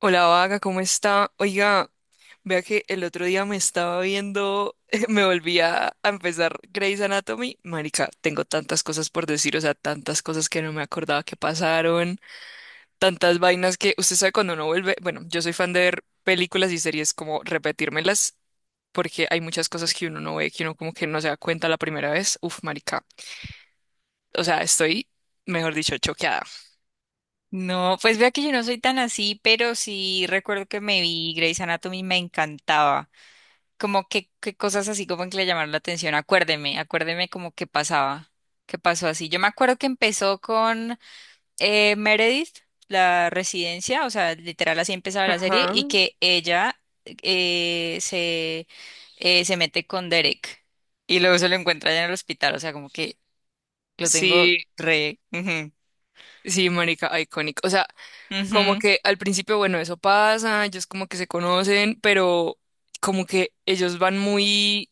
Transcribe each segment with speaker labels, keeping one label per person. Speaker 1: Hola Vaga, ¿cómo está? Oiga, vea que el otro día me estaba viendo, me volví a empezar Grey's Anatomy. Marica, tengo tantas cosas por decir, o sea, tantas cosas que no me acordaba que pasaron, tantas vainas que usted sabe cuando uno vuelve. Bueno, yo soy fan de ver películas y series como repetírmelas porque hay muchas cosas que uno no ve, que uno como que no se da cuenta la primera vez. Uf, marica. O sea, estoy, mejor dicho, choqueada.
Speaker 2: No, pues vea que yo no soy tan así, pero sí recuerdo que me vi Grey's Anatomy, me encantaba. Como que, cosas así como que le llamaron la atención. Acuérdeme, acuérdeme como que pasaba, que pasó así. Yo me acuerdo que empezó con Meredith, la residencia, o sea, literal así empezaba la serie,
Speaker 1: Ajá.
Speaker 2: y que ella eh, se, se mete con Derek y luego se lo encuentra allá en el hospital, o sea, como que lo tengo
Speaker 1: Sí,
Speaker 2: re... ujú,
Speaker 1: sí, marica, icónico. O sea, como
Speaker 2: ujú.
Speaker 1: que al principio, bueno, eso pasa, ellos como que se conocen, pero como que ellos van muy,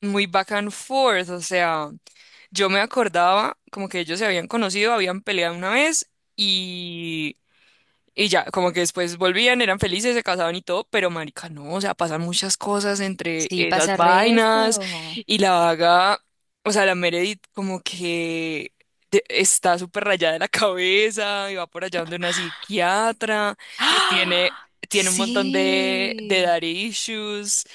Speaker 1: muy back and forth. O sea, yo me acordaba como que ellos se habían conocido, habían peleado una vez y y ya, como que después volvían, eran felices, se casaban y todo. Pero marica, no, o sea, pasan muchas cosas entre
Speaker 2: Sí,
Speaker 1: esas
Speaker 2: pasa
Speaker 1: vainas
Speaker 2: resto.
Speaker 1: y la vaga, o sea, la Meredith como que está súper rayada de la cabeza y va por allá donde una psiquiatra y tiene,
Speaker 2: ¡Ah!
Speaker 1: tiene un montón de
Speaker 2: Sí.
Speaker 1: daddy issues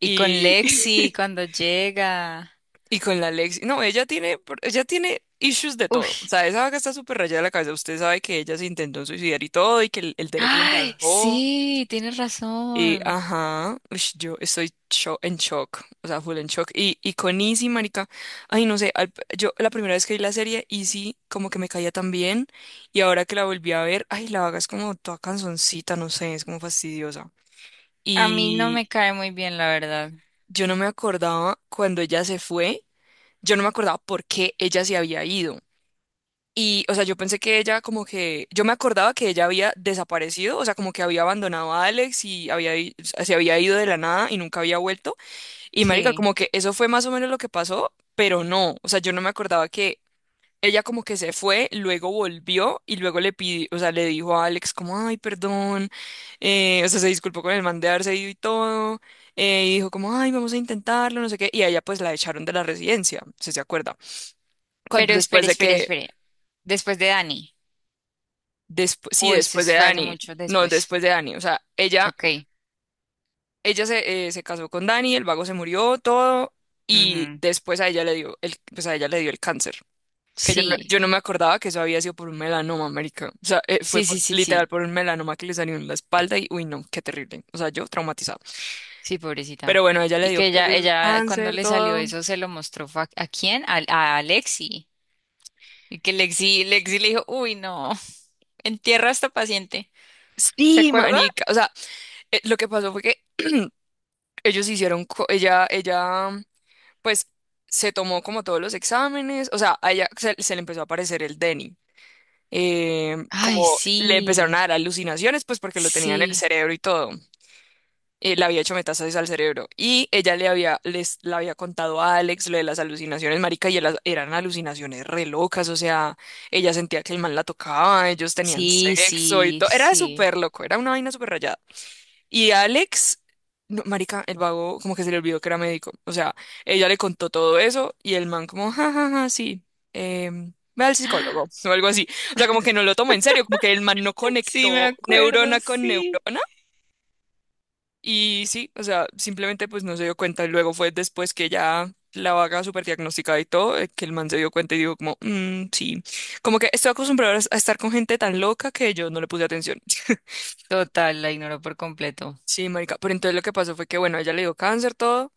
Speaker 2: Y con Lexi cuando llega.
Speaker 1: Y con la Lexi, no, ella tiene issues de
Speaker 2: Uy.
Speaker 1: todo. O sea, esa vaca está súper rayada de la cabeza. Usted sabe que ella se intentó suicidar y todo, y que el Derek la
Speaker 2: Ay,
Speaker 1: salvó.
Speaker 2: sí, tienes
Speaker 1: Y
Speaker 2: razón.
Speaker 1: ajá, ush, yo estoy en shock, o sea, full en shock. Y con Izzy, marica, ay, no sé, yo la primera vez que vi la serie, Izzy como que me caía tan bien. Y ahora que la volví a ver, ay, la vaga es como toda canzoncita, no sé, es como fastidiosa.
Speaker 2: A mí no
Speaker 1: Y
Speaker 2: me cae muy bien, la verdad.
Speaker 1: yo no me acordaba cuando ella se fue, yo no me acordaba por qué ella se había ido. Y, o sea, yo pensé que ella como que, yo me acordaba que ella había desaparecido, o sea, como que había abandonado a Alex y se había ido de la nada y nunca había vuelto. Y marica,
Speaker 2: Sí.
Speaker 1: como que eso fue más o menos lo que pasó, pero no, o sea, yo no me acordaba que ella como que se fue, luego volvió y luego le pidió, o sea, le dijo a Alex como, ay, perdón, o sea, se disculpó con el man de haberse ido y todo, y dijo como, ay, vamos a intentarlo, no sé qué, y a ella pues la echaron de la residencia, si se acuerda
Speaker 2: Pero
Speaker 1: cuando después
Speaker 2: espere,
Speaker 1: de
Speaker 2: espere,
Speaker 1: que.
Speaker 2: espere. Después de Dani.
Speaker 1: Sí,
Speaker 2: O esto
Speaker 1: después de
Speaker 2: se fue hace
Speaker 1: Dani.
Speaker 2: mucho
Speaker 1: No,
Speaker 2: después.
Speaker 1: después de Dani. O sea, ella,
Speaker 2: Ok.
Speaker 1: ella se casó con Dani, el vago se murió, todo, y
Speaker 2: Ujú.
Speaker 1: después a ella le dio pues a ella le dio el cáncer. Que yo no,
Speaker 2: Sí.
Speaker 1: yo no me acordaba que eso había sido por un melanoma, marica. O sea,
Speaker 2: Sí, sí, sí,
Speaker 1: literal
Speaker 2: sí.
Speaker 1: por un melanoma que le salió en la espalda y, uy, no, qué terrible. O sea, yo traumatizado.
Speaker 2: Sí,
Speaker 1: Pero
Speaker 2: pobrecita.
Speaker 1: bueno, a ella le
Speaker 2: Y que
Speaker 1: dio
Speaker 2: ella,
Speaker 1: el
Speaker 2: ella, cuando
Speaker 1: cáncer,
Speaker 2: le salió
Speaker 1: todo.
Speaker 2: eso, se lo mostró fue ¿a quién? A Lexi. Y que Lexi, Lexi le dijo, uy, no. Entierra a esta paciente. ¿Se
Speaker 1: Sí,
Speaker 2: acuerda?
Speaker 1: marica. O sea, lo que pasó fue que ellos ella, ella pues se tomó como todos los exámenes, o sea, a ella se le empezó a aparecer el Denny. Eh,
Speaker 2: Ay,
Speaker 1: como le empezaron a
Speaker 2: sí,
Speaker 1: dar alucinaciones, pues porque lo tenía en el
Speaker 2: sí,
Speaker 1: cerebro y todo. Le había hecho metástasis al cerebro y ella le había contado a Alex lo de las alucinaciones, marica, y eran alucinaciones re locas, o sea, ella sentía que el man la tocaba, ellos tenían
Speaker 2: sí,
Speaker 1: sexo y
Speaker 2: sí,
Speaker 1: todo, era
Speaker 2: sí.
Speaker 1: súper loco, era una vaina súper rayada. Y Alex, no, marica, el vago como que se le olvidó que era médico. O sea, ella le contó todo eso y el man como, ja, ja, ja, sí, ve al psicólogo o algo así. O sea, como que no lo tomó en serio, como que el man no
Speaker 2: Sí, me
Speaker 1: conectó
Speaker 2: acuerdo,
Speaker 1: neurona con
Speaker 2: sí.
Speaker 1: neurona. Y sí, o sea, simplemente pues no se dio cuenta. Y luego fue después que ya la vaga súper diagnosticada y todo, que el man se dio cuenta y dijo como, "Mm, sí, como que estoy acostumbrado a estar con gente tan loca que yo no le puse atención."
Speaker 2: Total, la ignoró por completo.
Speaker 1: Sí, marica, pero entonces lo que pasó fue que, bueno, a ella le dio cáncer, todo.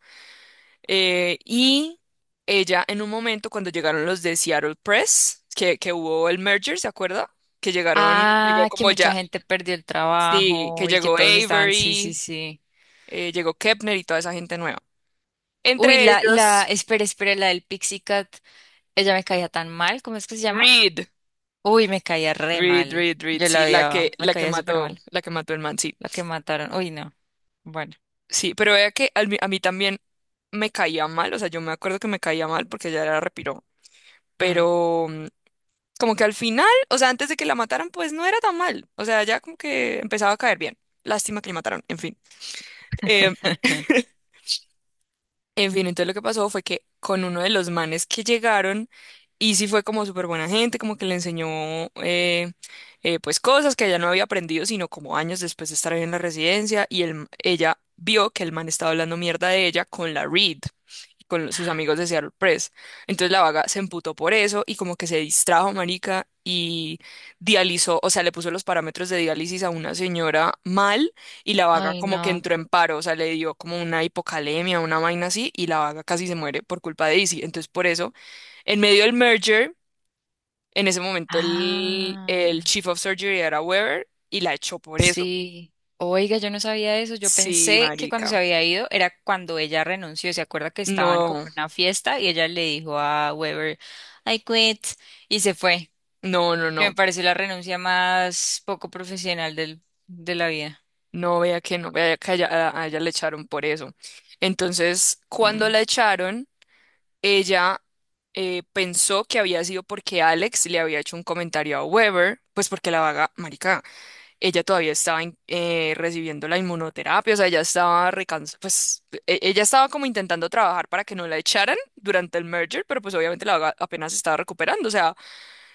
Speaker 1: Y ella en un momento cuando llegaron los de Seattle Press, que hubo el merger, ¿se acuerda? Llegó
Speaker 2: Ah, que
Speaker 1: como ya,
Speaker 2: mucha gente perdió el
Speaker 1: sí, que
Speaker 2: trabajo y que
Speaker 1: llegó
Speaker 2: todos estaban, sí, sí,
Speaker 1: Avery,
Speaker 2: sí.
Speaker 1: llegó Kepner y toda esa gente nueva.
Speaker 2: Uy,
Speaker 1: Entre ellos,
Speaker 2: espera, espera, la del Pixie Cat, ella me caía tan mal, ¿cómo es que se llama?
Speaker 1: Reed,
Speaker 2: Uy, me caía re
Speaker 1: Reed,
Speaker 2: mal.
Speaker 1: Reed, Reed,
Speaker 2: Yo
Speaker 1: sí,
Speaker 2: la
Speaker 1: la que,
Speaker 2: odiaba, me
Speaker 1: la que
Speaker 2: caía súper
Speaker 1: mató,
Speaker 2: mal.
Speaker 1: la que mató el man, sí.
Speaker 2: La que mataron, uy, no. Bueno.
Speaker 1: Sí, pero vea que a mí también me caía mal, o sea, yo me acuerdo que me caía mal porque ella era repiro,
Speaker 2: Mm.
Speaker 1: pero como que al final, o sea, antes de que la mataran, pues no era tan mal. O sea, ya como que empezaba a caer bien. Lástima que la mataron, en fin. Eh, en fin, entonces lo que pasó fue que con uno de los manes que llegaron, Izzy fue como súper buena gente, como que le enseñó eh, pues cosas que ella no había aprendido, sino como años después de estar ahí en la residencia, y ella vio que el man estaba hablando mierda de ella con la Reed, con sus amigos de Seattle Press. Entonces la vaga se emputó por eso y como que se distrajo, marica, y dializó, o sea, le puso los parámetros de diálisis a una señora mal y la vaga
Speaker 2: Ay,
Speaker 1: como que
Speaker 2: no.
Speaker 1: entró en paro. O sea, le dio como una hipocalemia, una vaina así, y la vaga casi se muere por culpa de Izzy. Entonces, por eso, en medio del merger, en ese momento el,
Speaker 2: Ah,
Speaker 1: el Chief of Surgery era Weber y la echó por eso.
Speaker 2: sí. Oiga, yo no sabía eso. Yo
Speaker 1: Sí,
Speaker 2: pensé que cuando
Speaker 1: marica.
Speaker 2: se había ido era cuando ella renunció. ¿Se acuerda que estaban como
Speaker 1: No,
Speaker 2: en una fiesta y ella le dijo a Weber, I quit, y se fue?
Speaker 1: no, no,
Speaker 2: Que me
Speaker 1: no.
Speaker 2: pareció la renuncia más poco profesional del, de la vida.
Speaker 1: No vea que no, vea que a ella le echaron por eso. Entonces, cuando
Speaker 2: Mm.
Speaker 1: la echaron, ella pensó que había sido porque Alex le había hecho un comentario a Weber, pues porque la vaga, marica. Ella todavía estaba recibiendo la inmunoterapia, o sea, ella estaba recansada, pues ella estaba como intentando trabajar para que no la echaran durante el merger, pero pues obviamente la vaga apenas se estaba recuperando, o sea,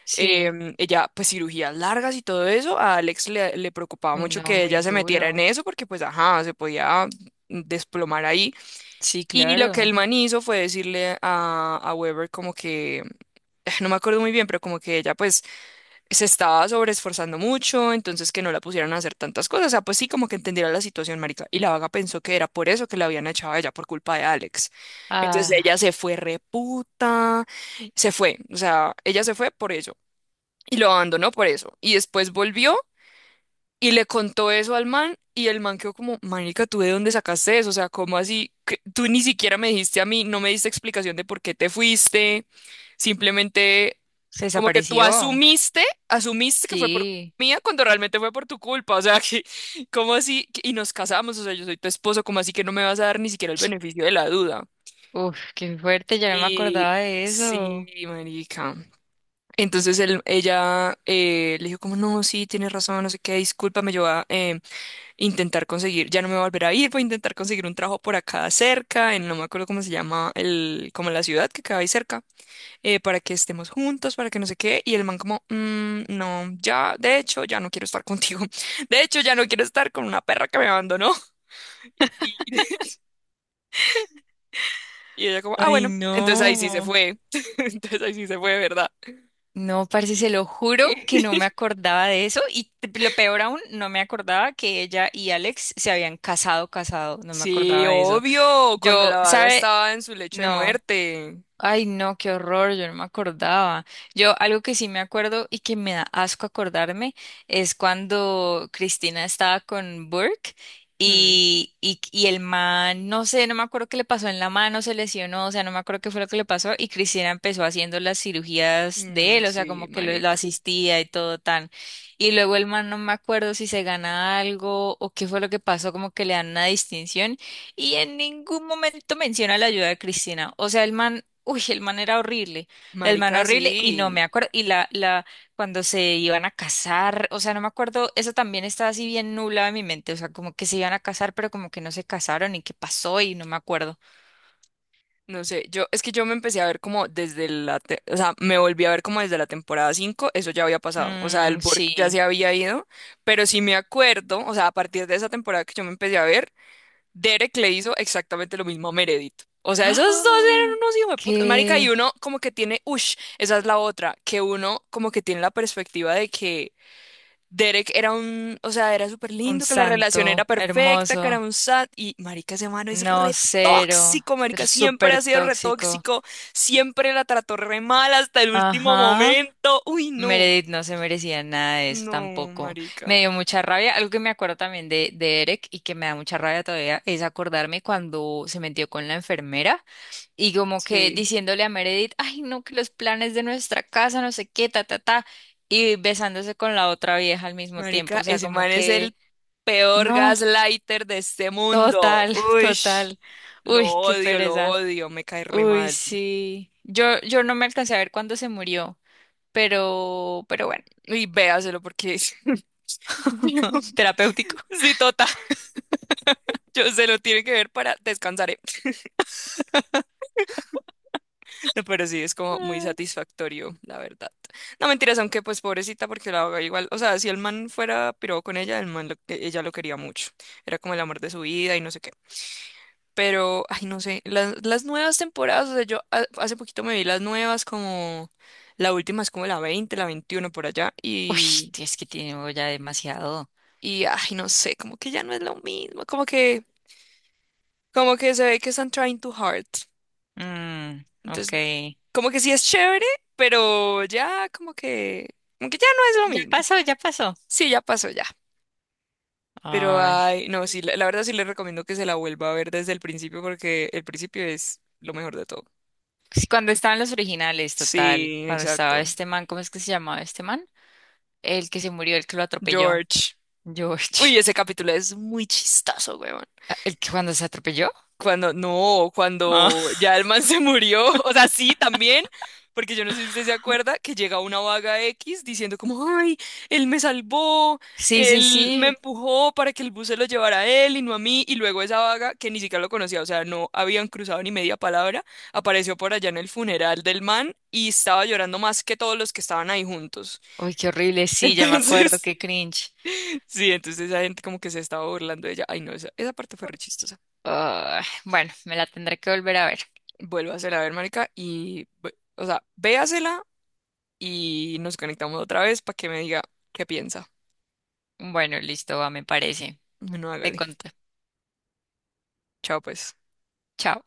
Speaker 2: Sí.
Speaker 1: ella pues cirugías largas y todo eso, a Alex le preocupaba
Speaker 2: Uy,
Speaker 1: mucho
Speaker 2: no,
Speaker 1: que
Speaker 2: muy
Speaker 1: ella se metiera en
Speaker 2: duro.
Speaker 1: eso porque pues ajá, se podía desplomar ahí.
Speaker 2: Sí,
Speaker 1: Y lo que
Speaker 2: claro.
Speaker 1: el man hizo fue decirle a Weber como que, no me acuerdo muy bien, pero como que ella pues se estaba sobreesforzando mucho, entonces que no la pusieran a hacer tantas cosas. O sea, pues sí, como que entendiera la situación, marica. Y la vaga pensó que era por eso que la habían echado a ella, por culpa de Alex. Entonces ella
Speaker 2: Ah,
Speaker 1: se fue reputa, se fue. O sea, ella se fue por ello. Y lo abandonó por eso. Y después volvió y le contó eso al man y el man quedó como, marica, ¿tú de dónde sacaste eso? O sea, ¿cómo así? Que tú ni siquiera me dijiste a mí, no me diste explicación de por qué te fuiste. Simplemente
Speaker 2: se
Speaker 1: como que tú
Speaker 2: desapareció.
Speaker 1: asumiste que fue por
Speaker 2: Sí.
Speaker 1: mía cuando realmente fue por tu culpa. O sea, que, ¿cómo así? Y nos casamos, o sea, yo soy tu esposo, ¿cómo así que no me vas a dar ni siquiera el beneficio de la duda?
Speaker 2: Uf, qué fuerte, ya no me
Speaker 1: Y
Speaker 2: acordaba de
Speaker 1: sí,
Speaker 2: eso.
Speaker 1: marica. Entonces ella le dijo como, no, sí, tienes razón, no sé qué, discúlpame, yo ya no me volverá a ir, voy a intentar conseguir un trabajo por acá cerca, en no me acuerdo cómo se llama, como la ciudad que queda ahí cerca, para que estemos juntos, para que no sé qué, y el man como, "Mm, no, ya, de hecho, ya no quiero estar contigo, de hecho, ya no quiero estar con una perra que me abandonó, y, y ella como, ah,
Speaker 2: Ay,
Speaker 1: bueno, entonces ahí sí se
Speaker 2: no.
Speaker 1: fue, entonces ahí sí se fue, ¿de verdad?"
Speaker 2: No, parce, se lo juro que no me acordaba de eso y lo peor aún, no me acordaba que ella y Alex se habían casado, casado, no me
Speaker 1: Sí,
Speaker 2: acordaba de eso.
Speaker 1: obvio, cuando
Speaker 2: Yo,
Speaker 1: la vaga
Speaker 2: ¿sabe?
Speaker 1: estaba en su lecho de
Speaker 2: No.
Speaker 1: muerte.
Speaker 2: Ay, no, qué horror, yo no me acordaba. Yo algo que sí me acuerdo y que me da asco acordarme es cuando Cristina estaba con Burke
Speaker 1: Mm,
Speaker 2: y, y el man, no sé, no me acuerdo qué le pasó en la mano, se lesionó, o sea, no me acuerdo qué fue lo que le pasó y Cristina empezó haciendo las cirugías de
Speaker 1: mm,
Speaker 2: él, o sea,
Speaker 1: sí,
Speaker 2: como que lo
Speaker 1: marica.
Speaker 2: asistía y todo tan. Y luego el man, no me acuerdo si se gana algo o qué fue lo que pasó, como que le dan una distinción. Y en ningún momento menciona la ayuda de Cristina. O sea, el man, uy, el man era horrible, el man
Speaker 1: Marica,
Speaker 2: horrible, y no me
Speaker 1: sí.
Speaker 2: acuerdo, y cuando se iban a casar, o sea, no me acuerdo, eso también estaba así bien nublado en mi mente, o sea, como que se iban a casar, pero como que no se casaron, y qué pasó, y no me acuerdo.
Speaker 1: No sé, yo, es que yo me empecé a ver como desde la, o sea, me volví a ver como desde la temporada 5 eso ya había pasado, o sea, el
Speaker 2: Mm,
Speaker 1: Borg ya
Speaker 2: sí.
Speaker 1: se había ido, pero sí me acuerdo, o sea, a partir de esa temporada que yo me empecé a ver, Derek le hizo exactamente lo mismo a Meredith. O sea, esos dos
Speaker 2: ¡Ah!
Speaker 1: eran unos hijos de puta, marica, y
Speaker 2: ¡Qué!
Speaker 1: uno como que tiene, ush, esa es la otra, que uno como que tiene la perspectiva de que Derek era un, o sea, era súper
Speaker 2: Un
Speaker 1: lindo, que la relación era
Speaker 2: santo,
Speaker 1: perfecta, que era
Speaker 2: hermoso,
Speaker 1: un sat, y marica, ese mano es
Speaker 2: no,
Speaker 1: re
Speaker 2: cero,
Speaker 1: tóxico, marica, siempre ha
Speaker 2: súper
Speaker 1: sido re
Speaker 2: tóxico.
Speaker 1: tóxico, siempre la trató re mal hasta el último
Speaker 2: Ajá.
Speaker 1: momento. Uy, no,
Speaker 2: Meredith no se merecía nada de eso
Speaker 1: no,
Speaker 2: tampoco.
Speaker 1: marica,
Speaker 2: Me dio mucha rabia. Algo que me acuerdo también de Eric y que me da mucha rabia todavía es acordarme cuando se metió con la enfermera y como que
Speaker 1: sí,
Speaker 2: diciéndole a Meredith, ay, no, que los planes de nuestra casa, no sé qué, ta, ta, ta, y besándose con la otra vieja al mismo tiempo.
Speaker 1: marica,
Speaker 2: O sea,
Speaker 1: ese
Speaker 2: como
Speaker 1: man es el
Speaker 2: que,
Speaker 1: peor
Speaker 2: no,
Speaker 1: gaslighter de este mundo.
Speaker 2: total,
Speaker 1: Uy,
Speaker 2: total. Uy, qué
Speaker 1: lo
Speaker 2: pereza.
Speaker 1: odio, me cae re
Speaker 2: Uy,
Speaker 1: mal.
Speaker 2: sí. Yo no me alcancé a ver cuándo se murió, pero bueno,
Speaker 1: Y véaselo porque. Dios,
Speaker 2: terapéutico.
Speaker 1: sí, yo se lo tiene que ver para descansar, ¿eh? No, pero sí, es como muy
Speaker 2: Mm.
Speaker 1: satisfactorio, la verdad. No, mentiras, aunque pues pobrecita, porque la haga igual. O sea, si el man fuera piró con ella, el man lo- e, ella lo quería mucho. Era como el amor de su vida y no sé qué. Pero, ay, no sé, las nuevas temporadas, o sea, yo hace poquito me vi las nuevas, como la última es como la 20, la 21 por allá,
Speaker 2: Uy,
Speaker 1: y,
Speaker 2: tí- es que tiene ya demasiado.
Speaker 1: y, ay, no sé, como que ya no es lo mismo, como que, se ve que están trying too hard.
Speaker 2: Mm, ok.
Speaker 1: Entonces, como que sí es chévere, pero ya como que ya no es lo
Speaker 2: Ya
Speaker 1: mismo.
Speaker 2: pasó, ya pasó.
Speaker 1: Sí, ya pasó ya. Pero
Speaker 2: Ay.
Speaker 1: ay, no, sí, la verdad sí les recomiendo que se la vuelva a ver desde el principio porque el principio es lo mejor de todo.
Speaker 2: Sí, cuando estaban los originales, total.
Speaker 1: Sí,
Speaker 2: Cuando estaba
Speaker 1: exacto.
Speaker 2: este man, ¿cómo es que se llamaba este man? El que se murió, el que lo atropelló.
Speaker 1: George. Uy,
Speaker 2: George.
Speaker 1: ese capítulo es muy chistoso, güey.
Speaker 2: Ah, ¿el que cuando se atropelló?
Speaker 1: Cuando, no,
Speaker 2: Ah.
Speaker 1: cuando ya el man se murió, o sea, sí, también, porque yo no sé si usted se acuerda que llega una vaga X diciendo como, ay, él me salvó,
Speaker 2: Sí, sí,
Speaker 1: él me
Speaker 2: sí.
Speaker 1: empujó para que el bus se lo llevara a él y no a mí, y luego esa vaga, que ni siquiera lo conocía, o sea, no habían cruzado ni media palabra, apareció por allá en el funeral del man y estaba llorando más que todos los que estaban ahí juntos.
Speaker 2: Uy, qué horrible. Sí, ya me acuerdo,
Speaker 1: Entonces,
Speaker 2: qué cringe.
Speaker 1: sí, entonces esa gente como que se estaba burlando de ella. Ay, no, esa parte fue re chistosa.
Speaker 2: Ah, bueno, me la tendré que volver a ver.
Speaker 1: Vuélvasela a ver, marica, y, o sea, véasela y nos conectamos otra vez para que me diga qué piensa.
Speaker 2: Bueno, listo, va, me parece.
Speaker 1: Bueno,
Speaker 2: Te
Speaker 1: hágale.
Speaker 2: conté.
Speaker 1: Chao, pues.
Speaker 2: Chao.